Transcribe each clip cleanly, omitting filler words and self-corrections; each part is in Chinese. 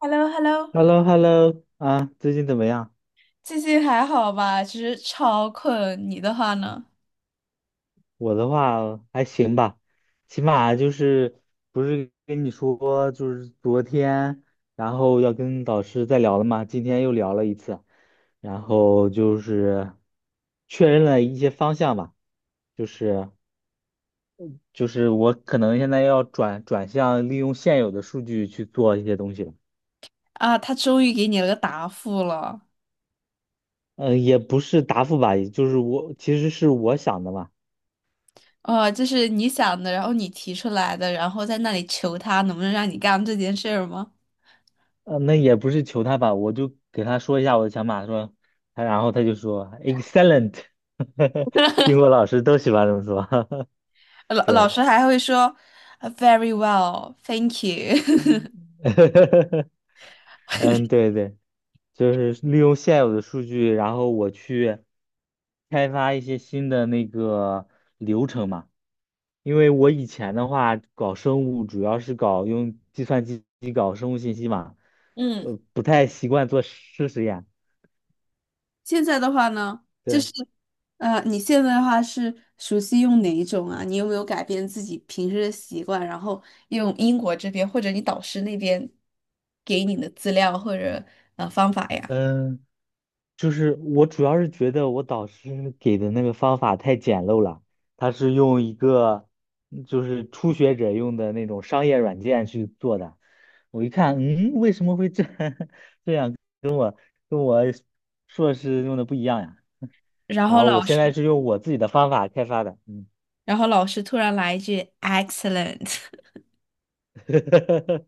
h e l l o h e l l o h e l l o h e l l o 啊，最近怎么样？最近还好吧？其实超困，你的话呢？我的话还行吧，起码就是不是跟你说，就是昨天，然后要跟导师再聊了嘛，今天又聊了一次，然后就是确认了一些方向吧，就是就是我可能现在要转向利用现有的数据去做一些东西了，啊，他终于给你了个答复了。嗯、也不是答复吧，也就是我其实是我想的嘛。哦，就是你想的，然后你提出来的，然后在那里求他能不能让你干这件事儿吗？那也不是求他吧，我就给他说一下我的想法，说他，然后他就说 excellent，英国老师都喜欢这么说，老老对，师还会说 u v e r y well, thank you。 嗯，对对，就是利用现有的数据，然后我去开发一些新的那个流程嘛，因为我以前的话搞生物主要是搞用计算机搞生物信息嘛，嗯。不太习惯做事实验，现在的话呢，就是，对，你现在的话是熟悉用哪一种啊？你有没有改变自己平时的习惯，然后用英国这边或者你导师那边给你的资料或者方法呀？嗯。就是我主要是觉得我导师给的那个方法太简陋了，他是用一个就是初学者用的那种商业软件去做的。我一看，嗯，为什么会这 跟我硕士用的不一样呀？然然后后我老现在师，是用我自己的方法开发的，嗯，然后老师突然来一句 excellent。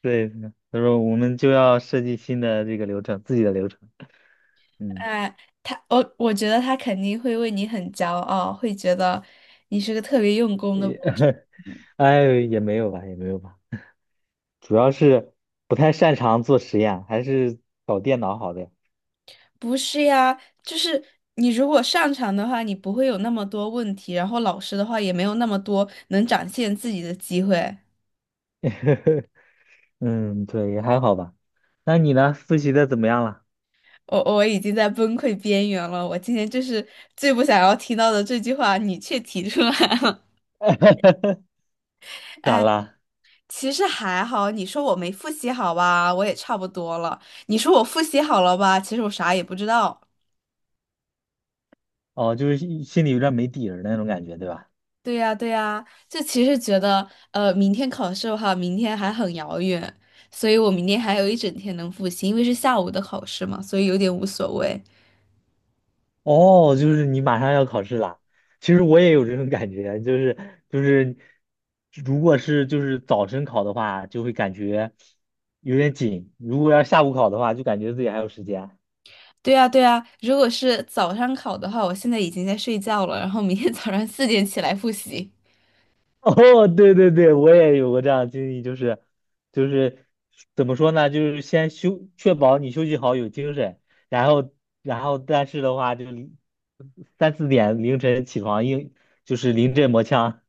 对，他说我们就要设计新的这个流程，自己的流程，嗯，哎，我觉得他肯定会为你很骄傲，会觉得你是个特别用功的也，博士。 哎，也没有吧，也没有吧。主要是不太擅长做实验，还是搞电脑好的。不是呀，就是你如果擅长的话，你不会有那么多问题，然后老师的话也没有那么多能展现自己的机会。嗯，对，也还好吧。那你呢？复习的怎么样了？我已经在崩溃边缘了，我今天就是最不想要听到的这句话，你却提出来了。咋了？其实还好，你说我没复习好吧，我也差不多了。你说我复习好了吧，其实我啥也不知道。哦，就是心里有点没底儿那种感觉，对吧？对呀，对呀，就其实觉得，明天考试的话，明天还很遥远，所以我明天还有一整天能复习，因为是下午的考试嘛，所以有点无所谓。哦，就是你马上要考试了。其实我也有这种感觉，就是就是，如果是就是早晨考的话，就会感觉有点紧；如果要是下午考的话，就感觉自己还有时间。对呀，对呀，如果是早上考的话，我现在已经在睡觉了，然后明天早上4点起来复习。哦，对对对，我也有过这样的经历，就是就是怎么说呢，就是先休，确保你休息好有精神，然后然后但是的话，就3、4点凌晨起床，硬就是临阵磨枪，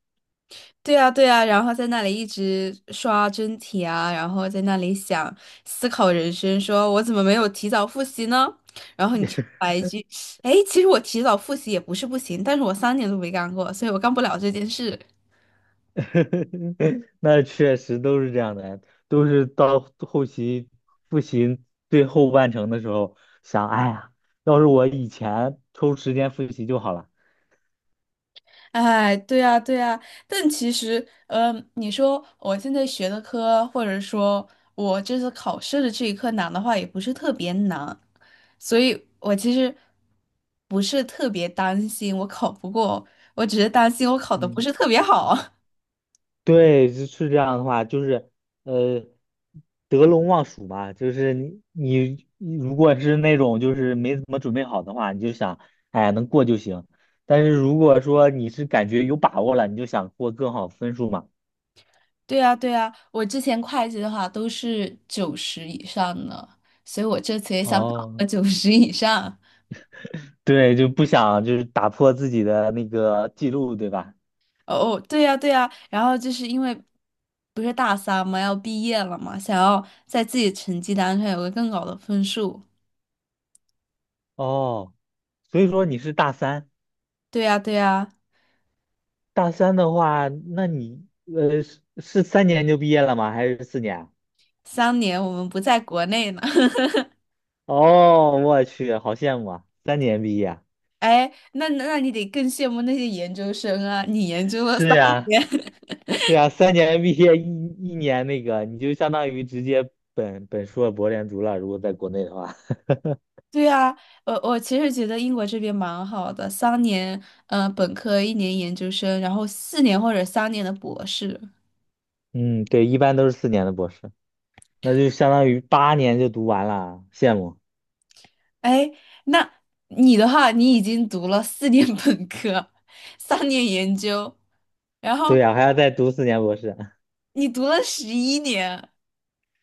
对啊，对啊，然后在那里一直刷真题啊，然后在那里想思考人生，说我怎么没有提早复习呢？然后你就来一句，哎，其实我提早复习也不是不行，但是我三年都没干过，所以我干不了这件事。那确实都是这样的，都是到后期复习最后半程的时候，想，哎呀，要是我以前抽时间复习就好了，哎，对呀，对呀，但其实，你说我现在学的科，或者说我这次考试的这一科难的话，也不是特别难，所以我其实不是特别担心我考不过，我只是担心我考的不嗯。是特别好。对，是这样的话，就是呃，得陇望蜀嘛，就是你如果是那种就是没怎么准备好的话，你就想，哎呀，能过就行。但是如果说你是感觉有把握了，你就想过更好分数嘛。对呀，对呀，我之前会计的话都是九十以上的，所以我这次也想考哦，个九十以上。对，就不想就是打破自己的那个记录，对吧？哦，对呀，对呀，然后就是因为不是大三嘛，要毕业了嘛，想要在自己成绩单上有个更高的分数。哦，所以说你是大三，对呀，对呀，大三的话，那你是三年就毕业了吗？还是四年啊三年我们不在国内呢。哦，我去，好羡慕啊！三年毕业，哎，那你得更羡慕那些研究生啊，你研究了是三呀，年。是呀，三年毕业一年那个，你就相当于直接本硕博连读了。如果在国内的话，对呀，我我其实觉得英国这边蛮好的，三年，嗯，本科一年研究生，然后四年或者三年的博士。嗯，对，一般都是四年的博士，那就相当于8年就读完了，羡慕。哎，那你的话，你已经读了4年本科，3年研究，然对后呀，还要再读四年博士。你读了11年，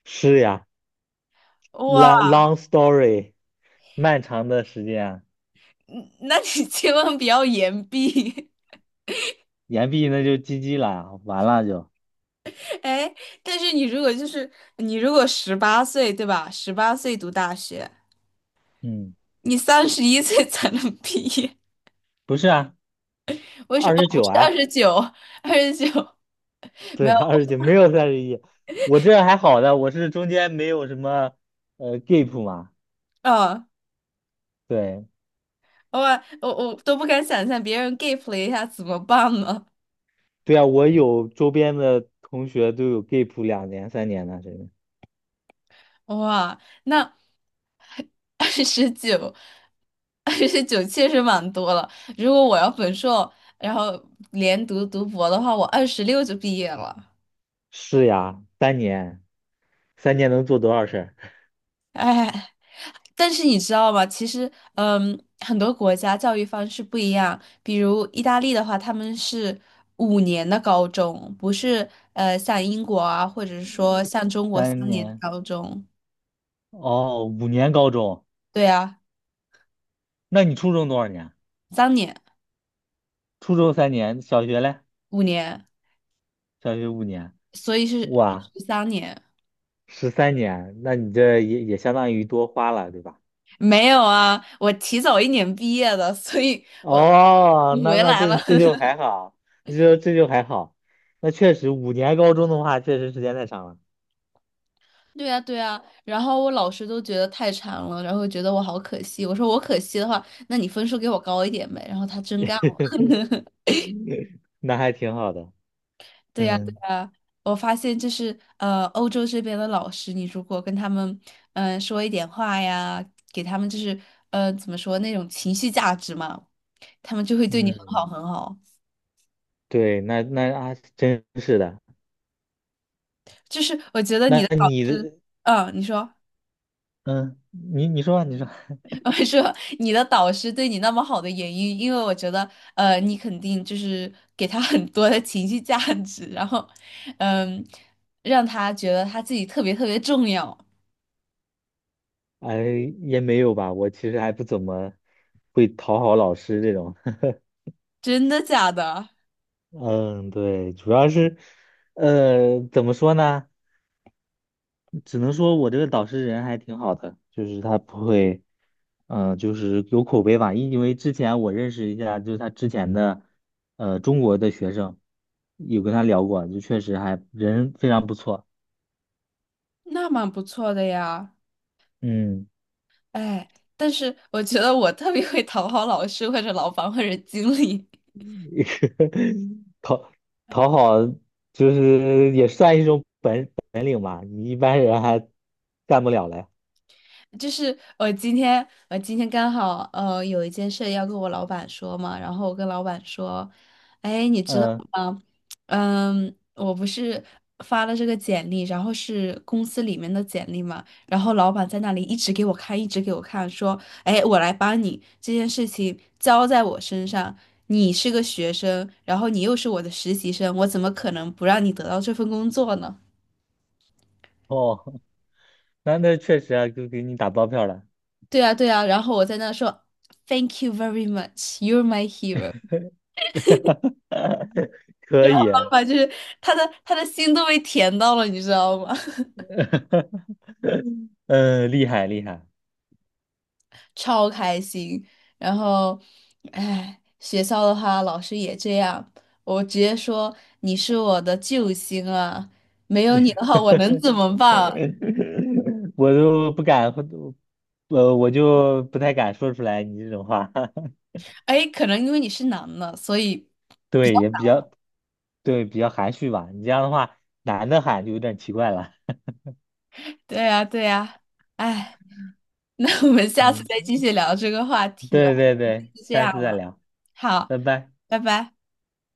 是呀，long 哇，long story，漫长的时间嗯那你 千万不要延毕。研毕那就 GG 了，完了就，哎，但是你如果十八岁，对吧？十八岁读大学，嗯，你31岁才能毕业，不是啊，为什么？二哦，十不九是二啊。十九，二十九没对，有，二十九没有31，我这还好的，我是中间没有什么gap 嘛。啊？对我我都不敢想象别人 gap 了一下怎么办呢？对啊，我有周边的同学都有 gap 2年、3年的，真的哇，那 二十九，29确实蛮多了。如果我要本硕，然后连读读博的话，我26就毕业了。是呀，三年，三年能做多少事儿？哎，但是你知道吗？其实，嗯，很多国家教育方式不一样。比如意大利的话，他们是5年的高中，不是像英国啊，或者是说像中国三三年的年高中。哦，5年高中，对啊，那你初中多少年？三年、初中三年，小学嘞？五年，小学五年，所以是哇，13年。13年，那你这也相当于多花了，对吧？没有啊，我提早一年毕业的，所以哦，你那回那来了。这就 还好，这就还好。那确实，五年高中的话，确实时间太长了，对呀，对呀，然后我老师都觉得太馋了，然后觉得我好可惜。我说我可惜的话，那你分数给我高一点呗。然后他真干 了。那还挺好的。对呀，对嗯呀，我发现就是欧洲这边的老师，你如果跟他们说一点话呀，给他们就是怎么说那种情绪价值嘛，他们就会对你很好嗯，很好。对，那啊，真是的。就是我觉得你那的老你师，的，嗯，你说。嗯，你说吧你说，我说你的导师对你那么好的原因，因为我觉得，你肯定就是给他很多的情绪价值，然后，嗯，让他觉得他自己特别特别重要，哎，也没有吧，我其实还不怎么会讨好老师这种。真的假的？嗯，对，主要是，怎么说呢？只能说我这个导师人还挺好的，就是他不会，就是有口碑吧。因为之前我认识一下，就是他之前的，中国的学生，有跟他聊过，就确实还人非常不错。那蛮不错的呀，嗯，哎，但是我觉得我特别会讨好老师或者老板或者经理。讨讨好就是也算一种本领吧，你一般人还干不了嘞。就是我今天，我今天刚好有一件事要跟我老板说嘛，然后我跟老板说，哎，你知道嗯，吗？我不是发了这个简历，然后是公司里面的简历嘛，然后老板在那里一直给我看，一直给我看，说，哎，我来帮你，这件事情交在我身上，你是个学生，然后你又是我的实习生，我怎么可能不让你得到这份工作呢？哦，那确实啊，就给你打包票了，对啊，对啊，然后我在那说 Thank you very much, you're my hero。可以方啊。法就是他的心都被甜到了，你知道吗？嗯，厉害厉害，超开心。然后，哎，学校的话，老师也这样，我直接说你是我的救星啊，没有你的话，我能怎么办啊？我都不敢，我就不太敢说出来你这种话，哎，可能因为你是男的，所以对，也比较对，比较含蓄吧。你这样的话，男的喊就有点奇怪了。对呀，对呀。哎，那我们下次再继嗯。续聊这个话 题吧，对对对，就这下样次再了。聊，好，拜拜。拜拜。